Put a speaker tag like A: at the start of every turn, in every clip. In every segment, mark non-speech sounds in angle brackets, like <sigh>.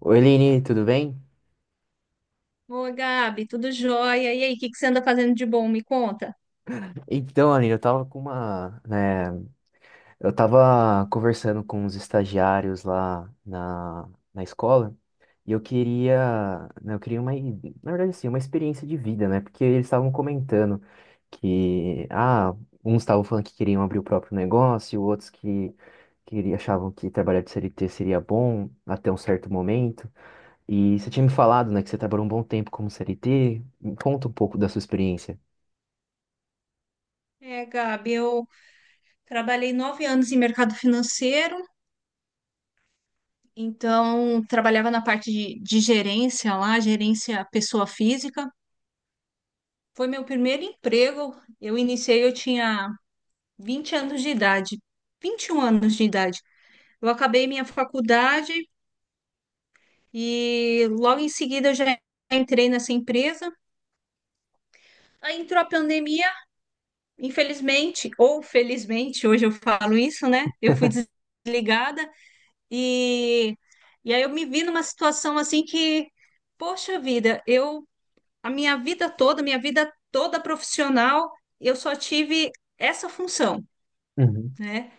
A: Oi, Lini, tudo bem?
B: Ô, Gabi, tudo jóia? E aí, o que você anda fazendo de bom? Me conta.
A: Então, Aline, eu tava conversando com os estagiários lá na escola e eu queria, né, eu queria uma, i- na verdade, assim, uma experiência de vida, né? Porque eles estavam comentando que uns estavam falando que queriam abrir o próprio negócio, outros achavam que trabalhar de CLT seria bom até um certo momento. E você tinha me falado, né, que você trabalhou um bom tempo como CLT. Conta um pouco da sua experiência.
B: Gabi, eu trabalhei 9 anos em mercado financeiro, então trabalhava na parte de gerência lá, gerência pessoa física. Foi meu primeiro emprego. Eu iniciei, eu tinha 20 anos de idade, 21 anos de idade. Eu acabei minha faculdade e logo em seguida eu já entrei nessa empresa. Aí entrou a pandemia. Infelizmente, ou felizmente, hoje eu falo isso, né? Eu fui desligada e, e aí eu me vi numa situação assim que, poxa vida, eu a minha vida toda profissional, eu só tive essa função,
A: Uhum.
B: né?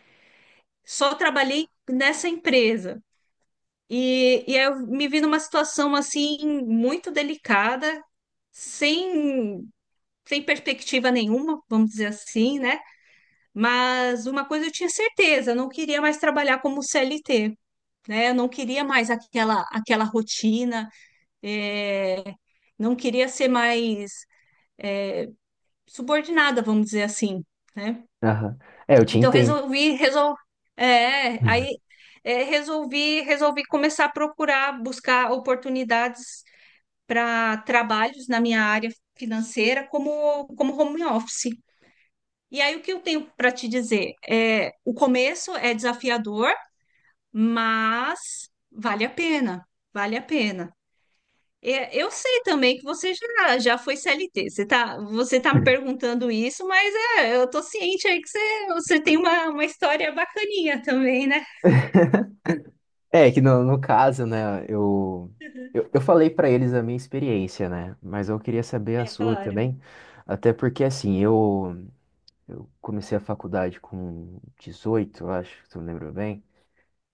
B: Só trabalhei nessa empresa. E aí eu me vi numa situação assim muito delicada, sem, sem perspectiva nenhuma, vamos dizer assim, né? Mas uma coisa eu tinha certeza, eu não queria mais trabalhar como CLT, né? Eu não queria mais aquela rotina, é, não queria ser mais subordinada, vamos dizer assim, né?
A: Aham. É, eu te
B: Então
A: entendo.
B: é, aí
A: <laughs>
B: resolvi, começar a procurar, buscar oportunidades para trabalhos na minha área financeira como home office. E aí o que eu tenho para te dizer? É, o começo é desafiador, mas vale a pena, vale a pena. É, eu sei também que você já foi CLT. Você tá me perguntando isso, mas eu tô ciente aí que você tem uma história bacaninha também, né?
A: É que no caso, né, eu falei pra eles a minha experiência, né, mas eu queria saber a
B: É,
A: sua
B: claro.
A: também, até porque, assim, eu comecei a faculdade com 18, eu acho, se eu me lembro bem,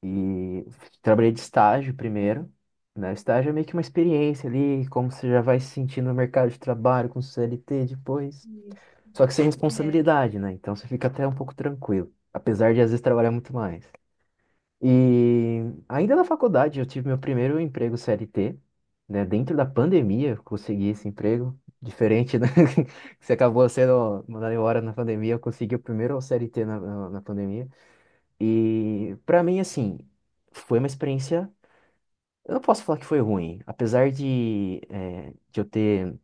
A: e trabalhei de estágio primeiro, né, estágio é meio que uma experiência ali, como você já vai se sentir no mercado de trabalho com CLT depois,
B: Isso.
A: só que sem
B: É.
A: responsabilidade, né, então você fica até um pouco tranquilo, apesar de às vezes trabalhar muito mais. E ainda na faculdade eu tive meu primeiro emprego CLT, né? Dentro da pandemia eu consegui esse emprego. Diferente, né? <laughs> Que você acabou sendo mandado embora na pandemia, eu consegui o primeiro CLT na pandemia. E pra mim, assim, foi uma experiência. Eu não posso falar que foi ruim, apesar de eu ter,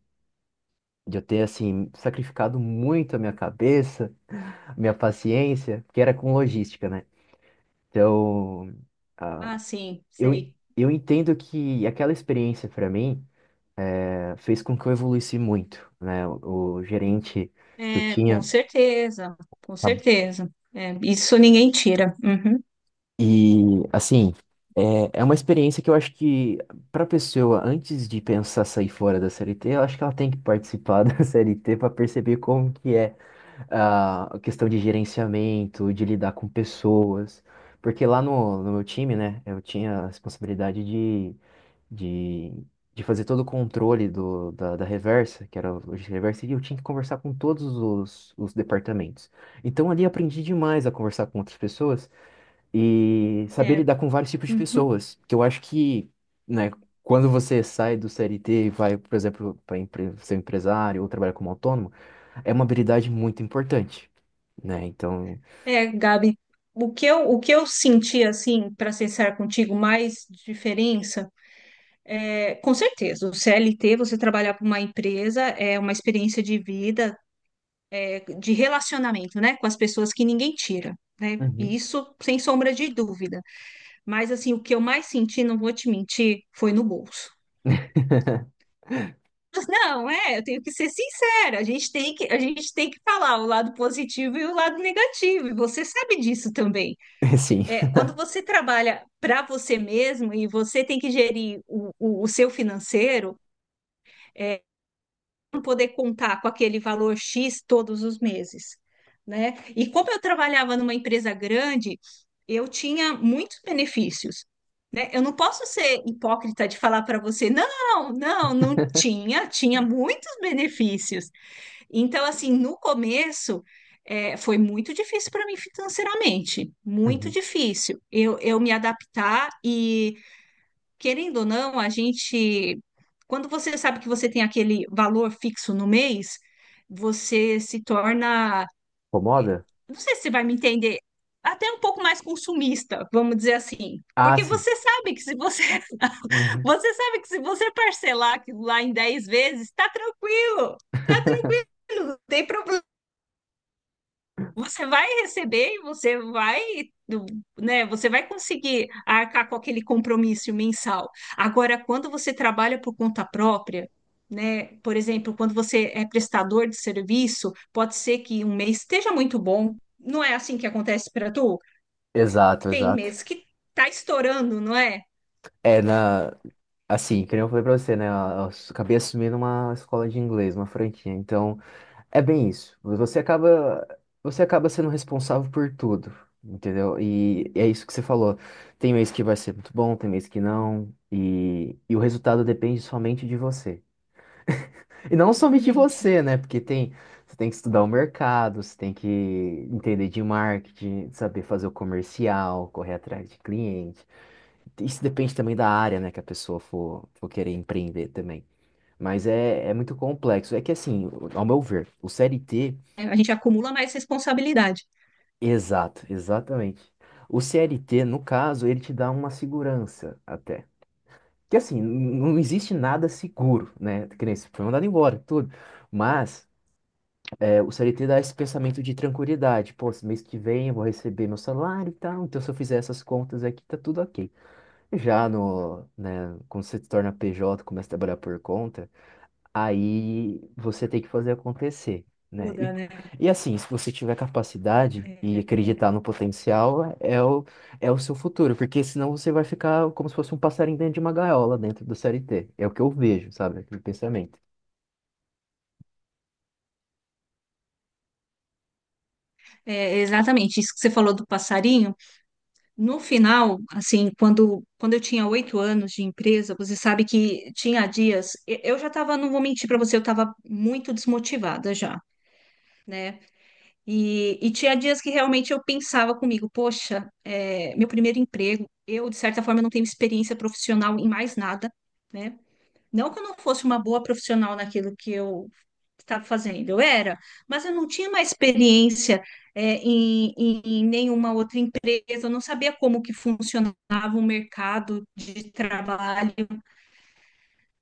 A: assim, sacrificado muito a minha cabeça, <laughs> a minha paciência, porque era com logística, né? Então,
B: Ah, sim,
A: eu,
B: sei.
A: eu entendo que aquela experiência para mim eh, fez com que eu evoluísse muito, né? O gerente que eu
B: É, com
A: tinha
B: certeza, com
A: tá-
B: certeza. É, isso ninguém tira. Uhum.
A: e assim é uma experiência que eu acho que para a pessoa antes de pensar sair fora da CLT, eu acho que ela tem que participar <laughs> da CLT para perceber como que é a questão de gerenciamento, de lidar com pessoas. Porque lá no meu time, né, eu tinha a responsabilidade de, de fazer todo o controle da reversa, que era o logística reversa, e eu tinha que conversar com todos os departamentos. Então ali eu aprendi demais a conversar com outras pessoas e saber
B: É,
A: lidar com vários tipos de
B: uhum.
A: pessoas, que eu acho que, né, quando você sai do CLT e vai, por exemplo, para empre ser um empresário ou trabalhar como autônomo, é uma habilidade muito importante, né? Então,
B: É, Gabi, o que eu senti, assim, para ser sincero contigo, mais diferença. Com certeza, o CLT, você trabalhar para uma empresa é uma experiência de vida, é, de relacionamento, né, com as pessoas, que ninguém tira, né? E
A: <laughs>
B: isso sem sombra de dúvida. Mas assim, o que eu mais senti, não vou te mentir, foi no bolso. <laughs> Mas não, é, eu tenho que ser sincera. A gente tem que, a gente tem que falar o lado positivo e o lado negativo. E você sabe disso também.
A: uhum, sim,
B: É, quando você trabalha para você mesmo e você tem que gerir o seu financeiro, poder contar com aquele valor X todos os meses, né? E como eu trabalhava numa empresa grande, eu tinha muitos benefícios, né? Eu não posso ser hipócrita de falar para você, não tinha, tinha muitos benefícios. Então, assim, no começo, foi muito difícil para mim financeiramente, muito
A: uhum,
B: difícil eu me adaptar. E querendo ou não, a gente, quando você sabe que você tem aquele valor fixo no mês, você se torna, eh,
A: incomoda?
B: não sei se você vai me entender, até um pouco mais consumista, vamos dizer assim.
A: Ah,
B: Porque
A: sim.
B: você sabe que se você, <laughs>
A: Uhum.
B: você sabe que se você parcelar aquilo lá em 10 vezes, tá
A: <laughs>
B: tranquilo, não tem, você vai receber e você vai, do- né, você vai conseguir arcar com aquele compromisso mensal. Agora, quando você trabalha por conta própria, né, por exemplo, quando você é prestador de serviço, pode ser que um mês esteja muito bom. Não é assim que acontece para tu?
A: Exato,
B: Tem
A: exato.
B: meses que tá estourando, não é?
A: É assim, que nem eu falei pra você, né? Eu acabei assumindo uma escola de inglês, uma franquia. Então, é bem isso. Você acaba sendo responsável por tudo, entendeu? E é isso que você falou. Tem mês que vai ser muito bom, tem mês que não. E o resultado depende somente de você. E não somente
B: Exatamente.
A: você, né? Porque tem, você tem que estudar o mercado, você tem que entender de marketing, saber fazer o comercial, correr atrás de cliente. Isso depende também da área, né, que a pessoa for, for querer empreender também. Mas é, é muito complexo. É que assim, ao meu ver, o CLT,
B: É, a gente acumula mais responsabilidade.
A: exato, exatamente. O CLT, no caso, ele te dá uma segurança até. Que assim, não existe nada seguro, né? Que nem se foi mandado embora, tudo. Mas o CLT dá esse pensamento de tranquilidade. Pô, esse mês que vem eu vou receber meu salário e tal, então se eu fizer essas contas aqui, tá tudo ok. Já no, né, quando você se torna PJ, começa a trabalhar por conta, aí você tem que fazer acontecer, né? E,
B: Muda, né?
A: e assim, se você tiver capacidade e acreditar no potencial, é o seu futuro, porque senão você vai ficar como se fosse um passarinho dentro de uma gaiola dentro do CLT. É o que eu vejo, sabe? Aquele pensamento.
B: É, exatamente. Isso que você falou do passarinho. No final, assim, quando eu tinha 8 anos de empresa, você sabe que tinha dias, eu já estava, não vou mentir para você, eu estava muito desmotivada já, né? E tinha dias que realmente eu pensava comigo, poxa, é, meu primeiro emprego, eu de certa forma não tenho experiência profissional em mais nada, né? Não que eu não fosse uma boa profissional naquilo que eu estava fazendo, eu era, mas eu não tinha uma experiência, em nenhuma outra empresa, eu não sabia como que funcionava o mercado de trabalho,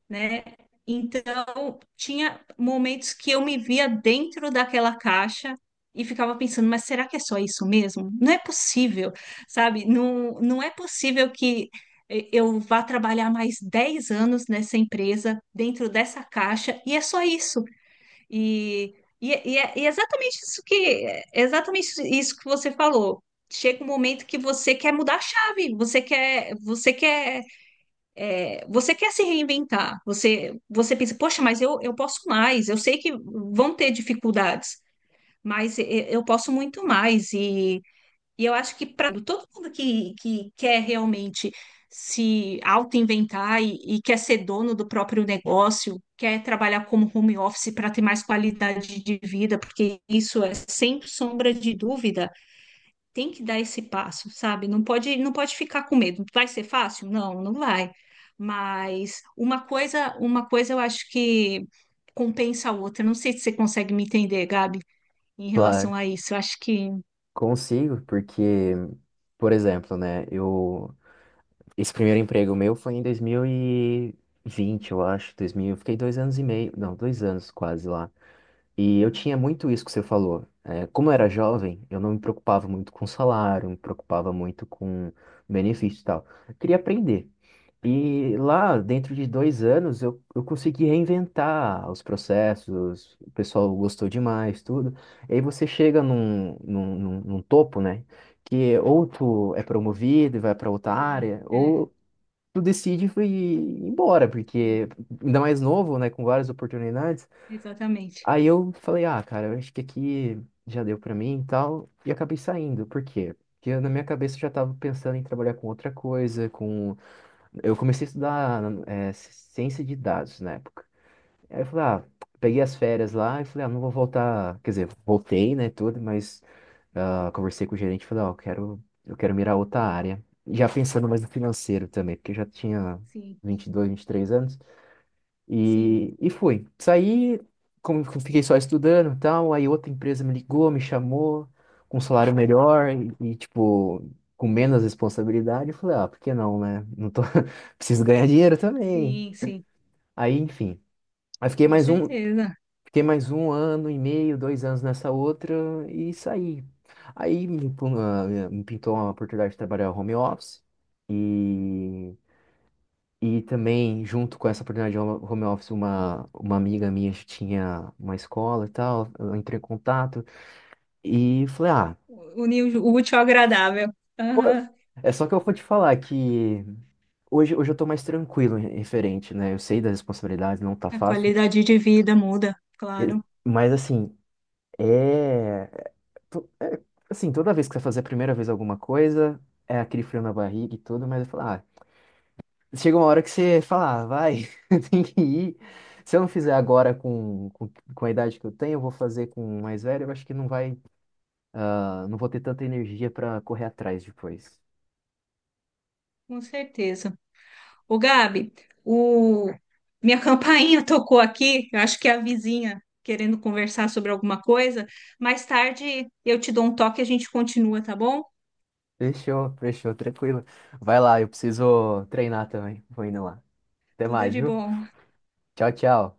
B: né? Então, tinha momentos que eu me via dentro daquela caixa e ficava pensando, mas será que é só isso mesmo? Não é possível, sabe? Não, não é possível que eu vá trabalhar mais 10 anos nessa empresa, dentro dessa caixa, e é só isso. E, e e é exatamente é exatamente isso que você falou. Chega um momento que você quer mudar a chave, você quer, você quer se reinventar, você pensa, poxa, mas eu posso mais, eu sei que vão ter dificuldades, mas eu posso muito mais. E eu acho que para todo mundo que quer realmente se auto-inventar e quer ser dono do próprio negócio, quer trabalhar como home office para ter mais qualidade de vida, porque isso é sem sombra de dúvida. Tem que dar esse passo, sabe? Não pode, não pode ficar com medo. Vai ser fácil? Não, não vai. Mas uma coisa eu acho que compensa a outra. Não sei se você consegue me entender, Gabi, em relação
A: Claro.
B: a isso. Eu acho que
A: Consigo, porque, por exemplo, né, eu, esse primeiro emprego meu foi em 2020 eu acho, 2000, eu fiquei 2 anos e meio, não, 2 anos quase lá. E eu tinha muito isso que você falou. É, como eu era jovem, eu não me preocupava muito com salário, não me preocupava muito com benefício e tal. Eu queria aprender. E lá, dentro de 2 anos, eu consegui reinventar os processos, o pessoal gostou demais, tudo. E aí você chega num topo, né? Que ou tu é promovido e vai para outra
B: sim,
A: área,
B: é,
A: ou tu decide e ir embora,
B: sim,
A: porque ainda mais novo, né? Com várias oportunidades.
B: exatamente.
A: Aí eu falei, ah, cara, eu acho que aqui já deu pra mim e tal. E acabei saindo. Por quê? Porque eu, na minha cabeça eu já tava pensando em trabalhar com outra coisa, com... Eu comecei a estudar ciência de dados na época. Aí eu falei, ah, peguei as férias lá e falei, ah, não vou voltar... Quer dizer, voltei, né, tudo, mas ah, conversei com o gerente e falei, ó, eu quero mirar outra área. Já pensando mais no financeiro também, porque eu já tinha
B: Sim,
A: 22, 23 anos.
B: sim,
A: E fui. Saí, como eu fiquei só estudando e tal, aí outra empresa me ligou, me chamou, com um salário melhor e, tipo, com menos responsabilidade. Eu falei, ah, por que não, né? Não tô... <laughs> Preciso ganhar dinheiro também.
B: sim, sim,
A: Aí, enfim. Aí
B: com certeza.
A: fiquei mais um ano e meio, 2 anos nessa outra e saí. Aí me pintou uma oportunidade de trabalhar home office. E e também, junto com essa oportunidade de home office, uma amiga minha que tinha uma escola e tal, eu entrei em contato e falei, ah,
B: Unir o útil ao agradável.
A: pô,
B: Aham.
A: é só que eu vou te falar que hoje, hoje eu tô mais tranquilo referente, né? Eu sei das responsabilidades, não tá
B: A
A: fácil,
B: qualidade de vida muda,
A: e-
B: claro,
A: mas assim, é, é assim, toda vez que você fazer a primeira vez alguma coisa, é aquele frio na barriga e tudo, mas eu falo, ah, chega uma hora que você fala, ah, vai, <laughs> tem que ir. Se eu não fizer agora com, com a idade que eu tenho, eu vou fazer com o mais velho, eu acho que não vai, ah, não vou ter tanta energia para correr atrás depois.
B: com certeza. Ô, Gabi, o... minha campainha <laughs> tocou aqui. Eu acho que é a vizinha querendo conversar sobre alguma coisa. Mais tarde eu te dou um toque e a gente continua, tá bom?
A: Fechou, fechou, tranquilo. Vai lá, eu preciso treinar também. Vou indo lá. Até
B: Tudo
A: mais,
B: de
A: viu?
B: bom.
A: Tchau, tchau.